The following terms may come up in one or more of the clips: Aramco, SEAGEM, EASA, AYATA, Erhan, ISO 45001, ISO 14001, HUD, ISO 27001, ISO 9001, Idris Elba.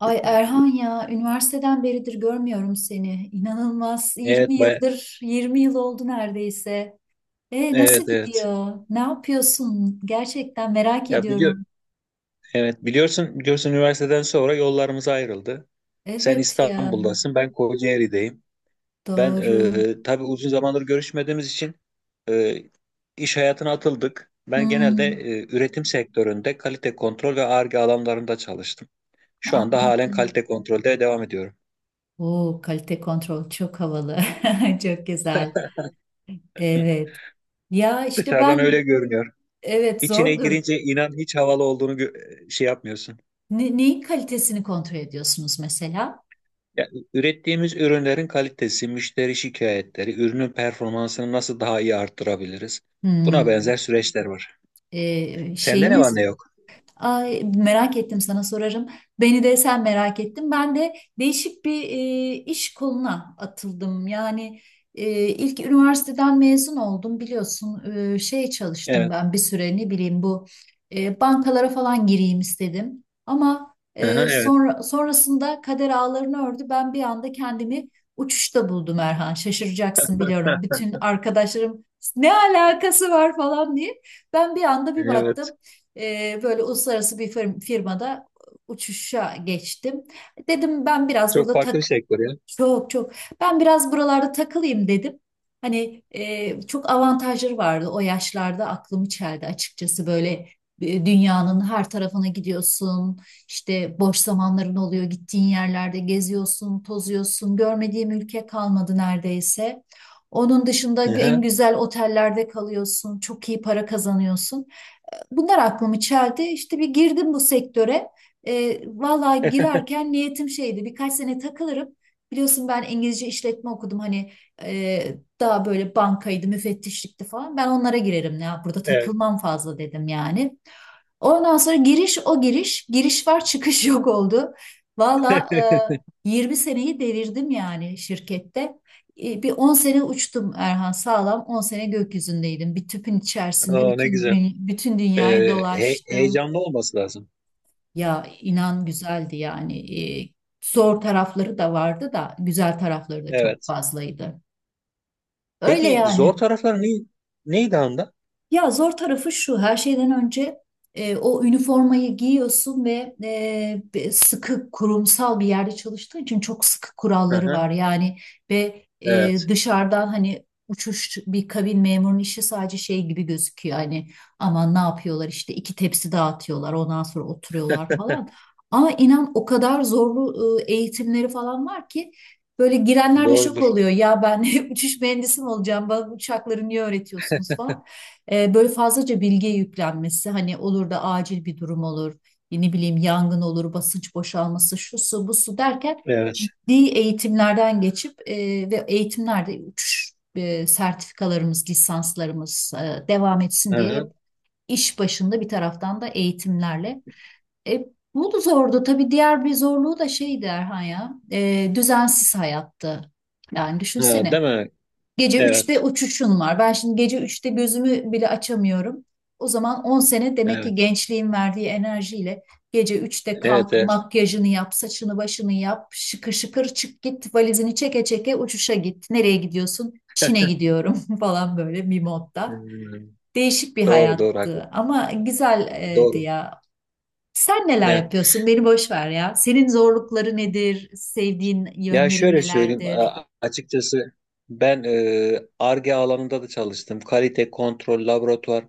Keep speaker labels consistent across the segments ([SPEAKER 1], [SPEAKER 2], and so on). [SPEAKER 1] Ay Erhan ya üniversiteden beridir görmüyorum seni. İnanılmaz. 20
[SPEAKER 2] Evet,
[SPEAKER 1] yıldır 20 yıl oldu neredeyse. E, nasıl
[SPEAKER 2] evet, evet.
[SPEAKER 1] gidiyor? Ne yapıyorsun? Gerçekten merak
[SPEAKER 2] Ya biliyor,
[SPEAKER 1] ediyorum.
[SPEAKER 2] evet biliyorsun, üniversiteden sonra yollarımız ayrıldı. Sen
[SPEAKER 1] Evet ya,
[SPEAKER 2] İstanbul'dasın, ben Kocaeli'deyim.
[SPEAKER 1] doğru.
[SPEAKER 2] Tabii uzun zamandır görüşmediğimiz için e, iş hayatına atıldık. Ben genelde
[SPEAKER 1] Hmm,
[SPEAKER 2] üretim sektöründe kalite kontrol ve Ar-Ge alanlarında çalıştım. Şu anda halen
[SPEAKER 1] anladım.
[SPEAKER 2] kalite kontrolde devam ediyorum.
[SPEAKER 1] Oo, kalite kontrol çok havalı. Çok güzel. Evet. Ya işte
[SPEAKER 2] Dışarıdan
[SPEAKER 1] ben,
[SPEAKER 2] öyle görünüyor.
[SPEAKER 1] evet,
[SPEAKER 2] İçine
[SPEAKER 1] zordur.
[SPEAKER 2] girince inan hiç havalı olduğunu şey yapmıyorsun.
[SPEAKER 1] Neyin kalitesini kontrol ediyorsunuz mesela?
[SPEAKER 2] Ya, ürettiğimiz ürünlerin kalitesi, müşteri şikayetleri, ürünün performansını nasıl daha iyi arttırabiliriz? Buna benzer
[SPEAKER 1] Hmm.
[SPEAKER 2] süreçler var.
[SPEAKER 1] e,
[SPEAKER 2] Sende ne var
[SPEAKER 1] şeyiniz
[SPEAKER 2] ne yok?
[SPEAKER 1] Ay, merak ettim, sana sorarım. Beni de sen merak ettin. Ben de değişik bir iş koluna atıldım. Yani ilk üniversiteden mezun oldum, biliyorsun. Çalıştım
[SPEAKER 2] Evet.
[SPEAKER 1] ben bir süre, ne bileyim, bu bankalara falan gireyim istedim. Ama
[SPEAKER 2] Aha, evet.
[SPEAKER 1] sonra sonrasında kader ağlarını ördü. Ben bir anda kendimi uçuşta buldum Erhan. Şaşıracaksın biliyorum. Bütün arkadaşlarım ne alakası var falan diye. Ben bir anda bir baktım.
[SPEAKER 2] Evet.
[SPEAKER 1] Böyle uluslararası bir firmada uçuşa geçtim. Dedim ben biraz
[SPEAKER 2] Çok
[SPEAKER 1] burada
[SPEAKER 2] farklı bir
[SPEAKER 1] tak
[SPEAKER 2] sektör ya.
[SPEAKER 1] Çok çok, ben biraz buralarda takılayım dedim. Hani çok avantajları vardı, o yaşlarda aklımı çeldi açıkçası. Böyle dünyanın her tarafına gidiyorsun. İşte boş zamanların oluyor, gittiğin yerlerde geziyorsun, tozuyorsun. Görmediğim ülke kalmadı neredeyse. Onun dışında en
[SPEAKER 2] Aha,
[SPEAKER 1] güzel otellerde kalıyorsun, çok iyi para kazanıyorsun, bunlar aklımı çeldi. İşte bir girdim bu sektöre. Vallahi girerken niyetim şeydi, birkaç sene takılırım. Biliyorsun ben İngilizce işletme okudum, hani e, daha böyle bankaydı, müfettişlikti falan. Ben onlara girerim ya, burada
[SPEAKER 2] evet.
[SPEAKER 1] takılmam fazla dedim yani. Ondan sonra giriş o giriş, giriş var çıkış yok oldu. Valla 20 seneyi devirdim yani şirkette. Bir 10 sene uçtum Erhan, sağlam 10 sene gökyüzündeydim. Bir tüpün içerisinde
[SPEAKER 2] Oo, ne güzel.
[SPEAKER 1] bütün dünyayı dolaştım.
[SPEAKER 2] Heyecanlı olması lazım.
[SPEAKER 1] Ya inan güzeldi yani. E, Zor tarafları da vardı da güzel tarafları da çok
[SPEAKER 2] Evet.
[SPEAKER 1] fazlaydı. Öyle
[SPEAKER 2] Peki zor
[SPEAKER 1] yani.
[SPEAKER 2] tarafları neydi anda?
[SPEAKER 1] Ya zor tarafı şu, her şeyden önce o üniformayı giyiyorsun ve sıkı kurumsal bir yerde çalıştığın için çok sıkı kuralları
[SPEAKER 2] Aha,
[SPEAKER 1] var. Yani ve
[SPEAKER 2] evet.
[SPEAKER 1] dışarıdan hani uçuş, bir kabin memurunun işi sadece şey gibi gözüküyor. Hani aman ne yapıyorlar, işte iki tepsi dağıtıyorlar, ondan sonra oturuyorlar falan. Ama inan o kadar zorlu eğitimleri falan var ki, böyle girenler de şok
[SPEAKER 2] Doğrudur.
[SPEAKER 1] oluyor. Ya ben uçuş mühendisi mi olacağım? Bana bu uçakları niye öğretiyorsunuz falan. Böyle fazlaca bilgiye yüklenmesi, hani olur da acil bir durum olur, ne bileyim yangın olur, basınç boşalması, şu su bu su derken
[SPEAKER 2] Evet.
[SPEAKER 1] ciddi eğitimlerden geçip ve eğitimlerde uçuş sertifikalarımız, lisanslarımız devam etsin diye
[SPEAKER 2] Aha.
[SPEAKER 1] hep iş başında, bir taraftan da eğitimlerle. E, Bu da zordu tabii. Diğer bir zorluğu da şeydi Erhan ya, düzensiz hayattı. Yani
[SPEAKER 2] Ha, değil
[SPEAKER 1] düşünsene.
[SPEAKER 2] mi?
[SPEAKER 1] Gece üçte
[SPEAKER 2] Evet.
[SPEAKER 1] uçuşun var. Ben şimdi gece üçte gözümü bile açamıyorum. O zaman 10 sene demek ki
[SPEAKER 2] Evet.
[SPEAKER 1] gençliğin verdiği enerjiyle gece üçte
[SPEAKER 2] Evet.
[SPEAKER 1] kalk,
[SPEAKER 2] Evet.
[SPEAKER 1] makyajını yap, saçını başını yap, şıkır şıkır çık git, valizini çeke çeke uçuşa git. Nereye gidiyorsun? Çin'e gidiyorum falan, böyle bir modda.
[SPEAKER 2] Hmm.
[SPEAKER 1] Değişik bir
[SPEAKER 2] Doğru doğru haklı.
[SPEAKER 1] hayattı ama güzeldi
[SPEAKER 2] Doğru.
[SPEAKER 1] ya. Sen neler
[SPEAKER 2] Evet.
[SPEAKER 1] yapıyorsun? Beni boş ver ya. Senin zorlukları nedir? Sevdiğin
[SPEAKER 2] Ya
[SPEAKER 1] yönleri
[SPEAKER 2] şöyle söyleyeyim
[SPEAKER 1] nelerdir?
[SPEAKER 2] açıkçası Ar-Ge alanında da çalıştım. Kalite kontrol laboratuvar.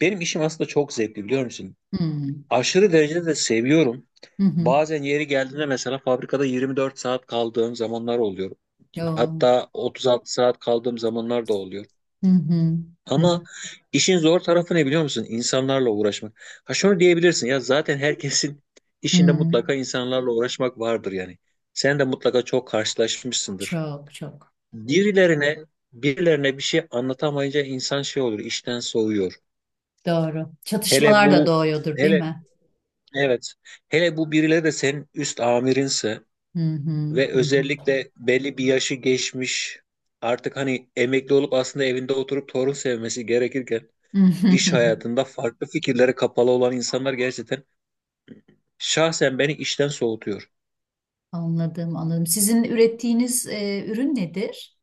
[SPEAKER 2] Benim işim aslında çok zevkli biliyor musun?
[SPEAKER 1] Hmm.
[SPEAKER 2] Aşırı derecede de seviyorum.
[SPEAKER 1] Hı hı.
[SPEAKER 2] Bazen yeri geldiğinde mesela fabrikada 24 saat kaldığım zamanlar oluyor.
[SPEAKER 1] Yo.
[SPEAKER 2] Hatta 36 saat kaldığım zamanlar da oluyor.
[SPEAKER 1] Hı hı. Hı
[SPEAKER 2] Ama işin zor tarafı ne biliyor musun? İnsanlarla uğraşmak. Ha şunu diyebilirsin ya zaten herkesin işinde
[SPEAKER 1] hı.
[SPEAKER 2] mutlaka insanlarla uğraşmak vardır yani. Sen de mutlaka çok karşılaşmışsındır.
[SPEAKER 1] Çok çok
[SPEAKER 2] Birilerine birilerine bir şey anlatamayınca insan şey olur, işten soğuyor.
[SPEAKER 1] doğru.
[SPEAKER 2] Hele
[SPEAKER 1] Çatışmalar da
[SPEAKER 2] bu
[SPEAKER 1] doğuyordur değil
[SPEAKER 2] hele
[SPEAKER 1] mi?
[SPEAKER 2] evet. Hele bu birileri de senin üst amirinse
[SPEAKER 1] Hı hı.
[SPEAKER 2] ve
[SPEAKER 1] Hı
[SPEAKER 2] özellikle belli bir yaşı geçmiş, artık hani emekli olup aslında evinde oturup torun sevmesi gerekirken iş
[SPEAKER 1] hı.
[SPEAKER 2] hayatında farklı fikirlere kapalı olan insanlar gerçekten şahsen beni işten soğutuyor.
[SPEAKER 1] Anladım, anladım. Sizin ürettiğiniz ürün nedir?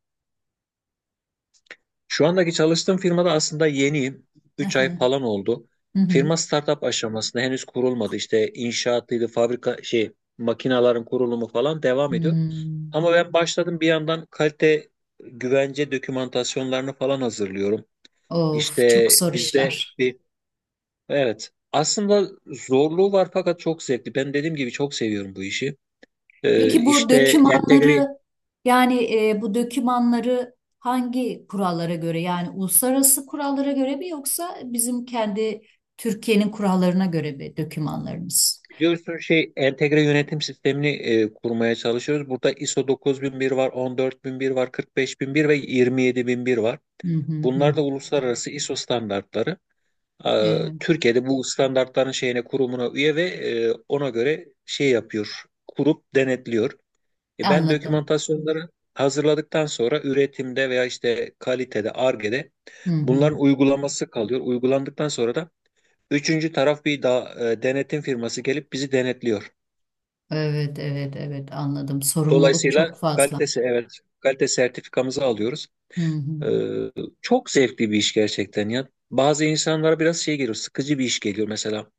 [SPEAKER 2] Şu andaki çalıştığım firmada aslında yeniyim.
[SPEAKER 1] Hı
[SPEAKER 2] Üç ay
[SPEAKER 1] hı.
[SPEAKER 2] falan oldu.
[SPEAKER 1] Hı hı.
[SPEAKER 2] Firma startup aşamasında, henüz kurulmadı. İşte inşaatlıydı, fabrika şey, makinaların kurulumu falan devam ediyor.
[SPEAKER 1] Hmm.
[SPEAKER 2] Ama ben başladım, bir yandan kalite güvence dokümantasyonlarını falan hazırlıyorum.
[SPEAKER 1] Of,
[SPEAKER 2] İşte
[SPEAKER 1] çok zor
[SPEAKER 2] bizde
[SPEAKER 1] işler.
[SPEAKER 2] bir, evet, aslında zorluğu var fakat çok zevkli. Ben dediğim gibi çok seviyorum bu işi.
[SPEAKER 1] Peki bu
[SPEAKER 2] İşte entegre
[SPEAKER 1] dökümanları yani e, bu dökümanları hangi kurallara göre, yani uluslararası kurallara göre mi, yoksa bizim kendi Türkiye'nin kurallarına göre mi dökümanlarınız?
[SPEAKER 2] Biliyorsun şey entegre yönetim sistemini kurmaya çalışıyoruz. Burada ISO 9001 var, 14001 var, 45001 ve 27001 var.
[SPEAKER 1] Hı hı hı.
[SPEAKER 2] Bunlar da uluslararası ISO standartları.
[SPEAKER 1] Evet,
[SPEAKER 2] Türkiye'de bu standartların şeyine, kurumuna üye ve ona göre şey yapıyor, kurup denetliyor. Ben
[SPEAKER 1] anladım.
[SPEAKER 2] dokümantasyonları hazırladıktan sonra üretimde veya işte kalitede, Ar-Ge'de
[SPEAKER 1] Hı hı.
[SPEAKER 2] bunların uygulaması kalıyor. Uygulandıktan sonra da üçüncü taraf bir daha denetim firması gelip bizi denetliyor.
[SPEAKER 1] Evet, evet, evet, anladım. Sorumluluk
[SPEAKER 2] Dolayısıyla
[SPEAKER 1] çok fazla.
[SPEAKER 2] kalitesi, evet, kalite sertifikamızı alıyoruz.
[SPEAKER 1] Hı
[SPEAKER 2] Ee,
[SPEAKER 1] hı.
[SPEAKER 2] Çok zevkli bir iş gerçekten ya. Bazı insanlara biraz şey geliyor, sıkıcı bir iş geliyor mesela.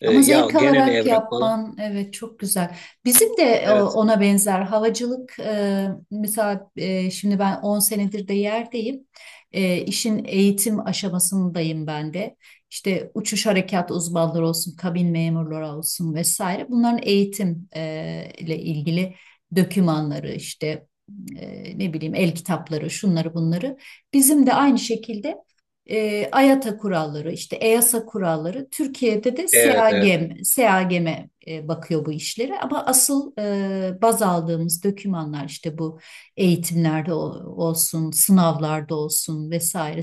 [SPEAKER 1] Ama
[SPEAKER 2] Ya
[SPEAKER 1] zevk
[SPEAKER 2] gene mi
[SPEAKER 1] alarak
[SPEAKER 2] evrak falan?
[SPEAKER 1] yapman, evet, çok güzel. Bizim de
[SPEAKER 2] Evet,
[SPEAKER 1] ona benzer havacılık, mesela şimdi ben 10 senedir de yerdeyim. İşin eğitim aşamasındayım ben de. İşte uçuş harekat uzmanları olsun, kabin memurları olsun, vesaire. Bunların eğitim ile ilgili dokümanları, işte ne bileyim el kitapları, şunları bunları. Bizim de aynı şekilde AYATA kuralları, işte EASA kuralları, Türkiye'de de
[SPEAKER 2] evet, evet.
[SPEAKER 1] SEAGEM'e bakıyor bu işlere. Ama asıl baz aldığımız dokümanlar işte bu eğitimlerde olsun, sınavlarda olsun, vesaire,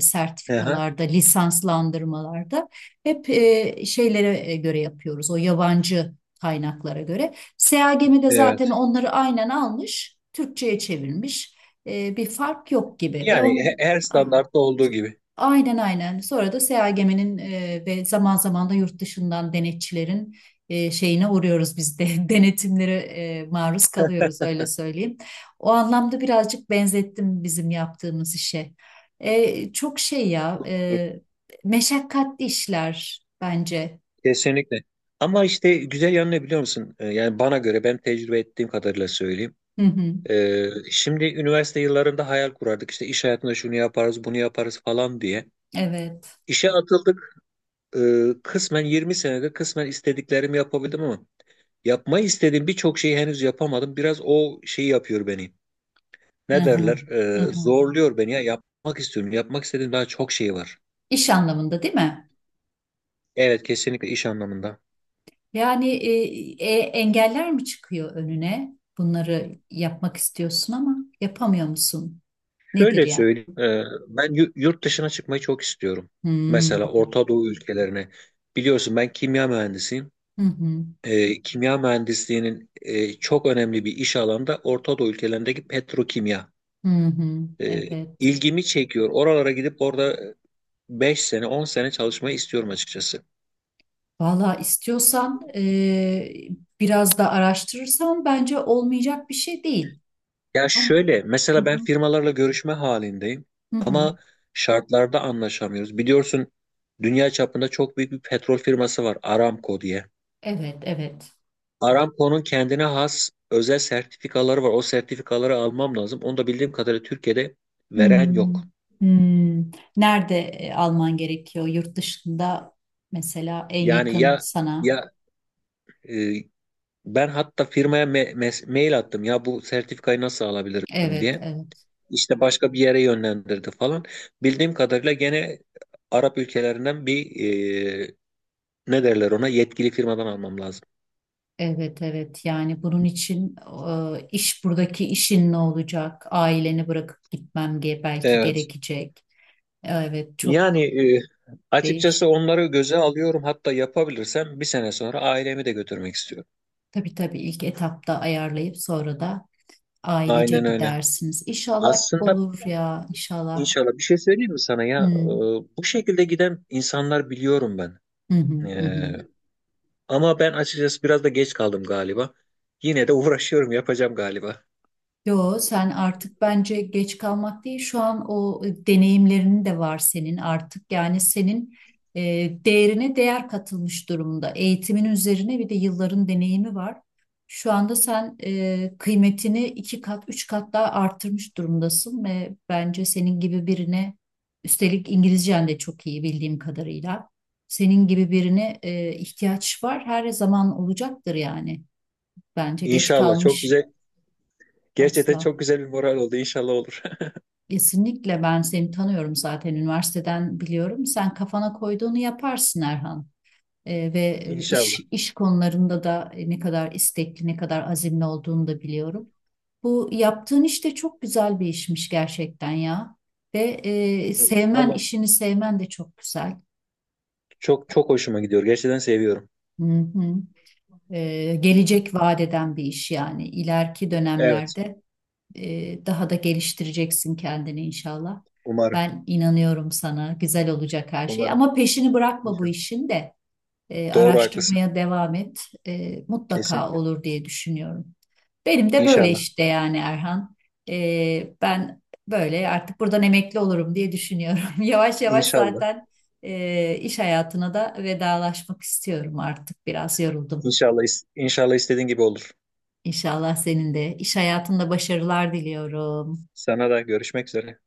[SPEAKER 2] Aha,
[SPEAKER 1] sertifikalarda, lisanslandırmalarda hep şeylere göre yapıyoruz. O yabancı kaynaklara göre. SEAGEM'i de zaten
[SPEAKER 2] evet.
[SPEAKER 1] onları aynen almış, Türkçe'ye çevirmiş. Bir fark yok gibi ve
[SPEAKER 2] Yani
[SPEAKER 1] onun,
[SPEAKER 2] he- her standartta olduğu gibi.
[SPEAKER 1] aynen aynen. Sonra da SEAGEM'in ve zaman zaman da yurt dışından denetçilerin şeyine uğruyoruz biz de. Denetimlere maruz kalıyoruz öyle söyleyeyim. O anlamda birazcık benzettim bizim yaptığımız işe. Çok şey ya,
[SPEAKER 2] Dur.
[SPEAKER 1] meşakkatli işler bence.
[SPEAKER 2] Kesinlikle. Ama işte güzel yanı ne biliyor musun? Yani bana göre, ben tecrübe ettiğim kadarıyla söyleyeyim.
[SPEAKER 1] Hı hı.
[SPEAKER 2] Şimdi üniversite yıllarında hayal kurardık. İşte iş hayatında şunu yaparız, bunu yaparız falan diye.
[SPEAKER 1] Evet.
[SPEAKER 2] İşe atıldık, kısmen 20 senede kısmen istediklerimi yapabildim ama yapmayı istediğim birçok şeyi henüz yapamadım. Biraz o şeyi yapıyor beni.
[SPEAKER 1] Hı
[SPEAKER 2] Ne
[SPEAKER 1] hı.
[SPEAKER 2] derler?
[SPEAKER 1] Hı hı.
[SPEAKER 2] Zorluyor beni ya. Yapmak istiyorum. Yapmak istediğim daha çok şey var.
[SPEAKER 1] İş anlamında değil mi?
[SPEAKER 2] Evet, kesinlikle iş anlamında.
[SPEAKER 1] Yani engeller mi çıkıyor önüne? Bunları yapmak istiyorsun ama yapamıyor musun? Nedir
[SPEAKER 2] Şöyle
[SPEAKER 1] yani?
[SPEAKER 2] söyleyeyim. Yurt dışına çıkmayı çok istiyorum. Mesela
[SPEAKER 1] Hmm.
[SPEAKER 2] Orta Doğu ülkelerine. Biliyorsun ben kimya mühendisiyim.
[SPEAKER 1] Hı hı.
[SPEAKER 2] Kimya mühendisliğinin çok önemli bir iş alanında Orta Doğu ülkelerindeki petrokimya.
[SPEAKER 1] Hı hı.
[SPEAKER 2] E,
[SPEAKER 1] Evet.
[SPEAKER 2] ilgimi çekiyor. Oralara gidip orada 5 sene 10 sene çalışmayı istiyorum açıkçası.
[SPEAKER 1] Valla istiyorsan biraz da araştırırsan bence olmayacak bir şey değil.
[SPEAKER 2] Ya
[SPEAKER 1] Ama.
[SPEAKER 2] şöyle
[SPEAKER 1] Hı
[SPEAKER 2] mesela, ben
[SPEAKER 1] hı.
[SPEAKER 2] firmalarla görüşme halindeyim
[SPEAKER 1] Hı hı.
[SPEAKER 2] ama şartlarda anlaşamıyoruz. Biliyorsun, dünya çapında çok büyük bir petrol firması var, Aramco diye.
[SPEAKER 1] Evet, evet.
[SPEAKER 2] Aramco'nun kendine has özel sertifikaları var. O sertifikaları almam lazım. Onu da bildiğim kadarıyla Türkiye'de veren
[SPEAKER 1] Hmm.
[SPEAKER 2] yok.
[SPEAKER 1] Hmm. Nerede alman gerekiyor? Yurt dışında mesela, en
[SPEAKER 2] Yani
[SPEAKER 1] yakın
[SPEAKER 2] ya
[SPEAKER 1] sana.
[SPEAKER 2] ya e, Ben hatta firmaya mail attım ya bu sertifikayı nasıl alabilirim
[SPEAKER 1] Evet,
[SPEAKER 2] diye.
[SPEAKER 1] evet.
[SPEAKER 2] İşte başka bir yere yönlendirdi falan. Bildiğim kadarıyla gene Arap ülkelerinden bir, e, ne derler, ona yetkili firmadan almam lazım.
[SPEAKER 1] Evet, evet. Yani bunun için e, iş buradaki işin ne olacak? Aileni bırakıp gitmem belki
[SPEAKER 2] Evet.
[SPEAKER 1] gerekecek. Evet, çok
[SPEAKER 2] Yani e,
[SPEAKER 1] değiş.
[SPEAKER 2] Açıkçası onları göze alıyorum. Hatta yapabilirsem bir sene sonra ailemi de götürmek istiyorum.
[SPEAKER 1] Tabii tabii, ilk etapta ayarlayıp sonra da ailece
[SPEAKER 2] Aynen öyle.
[SPEAKER 1] gidersiniz. İnşallah
[SPEAKER 2] Aslında,
[SPEAKER 1] olur ya, inşallah.
[SPEAKER 2] inşallah, bir şey söyleyeyim mi sana ya?
[SPEAKER 1] Hı,
[SPEAKER 2] Bu şekilde giden insanlar biliyorum ben.
[SPEAKER 1] hı, hı, hı.
[SPEAKER 2] E, Ama ben açıkçası biraz da geç kaldım galiba. Yine de uğraşıyorum, yapacağım galiba.
[SPEAKER 1] Yo, sen artık, bence, geç kalmak değil. Şu an o deneyimlerin de var senin artık. Yani senin e, değerine değer katılmış durumda. Eğitimin üzerine bir de yılların deneyimi var. Şu anda sen kıymetini iki kat, üç kat daha arttırmış durumdasın ve bence senin gibi birine, üstelik İngilizcen de çok iyi bildiğim kadarıyla. Senin gibi birine ihtiyaç var. Her zaman olacaktır yani. Bence geç
[SPEAKER 2] İnşallah, çok
[SPEAKER 1] kalmış
[SPEAKER 2] güzel. Gerçekten
[SPEAKER 1] asla.
[SPEAKER 2] çok güzel bir moral oldu. İnşallah olur.
[SPEAKER 1] Kesinlikle ben seni tanıyorum, zaten üniversiteden biliyorum. Sen kafana koyduğunu yaparsın Erhan. Ve iş
[SPEAKER 2] İnşallah.
[SPEAKER 1] iş konularında da ne kadar istekli, ne kadar azimli olduğunu da biliyorum. Bu yaptığın iş de çok güzel bir işmiş gerçekten ya. Ve sevmen,
[SPEAKER 2] Valla
[SPEAKER 1] işini sevmen de çok güzel.
[SPEAKER 2] çok çok hoşuma gidiyor. Gerçekten seviyorum.
[SPEAKER 1] Hı hı. Gelecek vaat eden bir iş yani. İleriki
[SPEAKER 2] Evet.
[SPEAKER 1] dönemlerde daha da geliştireceksin kendini inşallah.
[SPEAKER 2] Umarım.
[SPEAKER 1] Ben inanıyorum sana. Güzel olacak her şey.
[SPEAKER 2] Umarım.
[SPEAKER 1] Ama peşini bırakma bu
[SPEAKER 2] İnşallah.
[SPEAKER 1] işin de.
[SPEAKER 2] Doğru, haklısın.
[SPEAKER 1] Araştırmaya devam et.
[SPEAKER 2] Kesin.
[SPEAKER 1] Mutlaka olur diye düşünüyorum. Benim de böyle
[SPEAKER 2] İnşallah.
[SPEAKER 1] işte, yani Erhan. Ben böyle artık buradan emekli olurum diye düşünüyorum. Yavaş yavaş
[SPEAKER 2] İnşallah.
[SPEAKER 1] zaten iş hayatına da vedalaşmak istiyorum artık. Biraz yoruldum.
[SPEAKER 2] İnşallah istediğin gibi olur.
[SPEAKER 1] İnşallah senin de iş hayatında başarılar diliyorum.
[SPEAKER 2] Sana da, görüşmek üzere.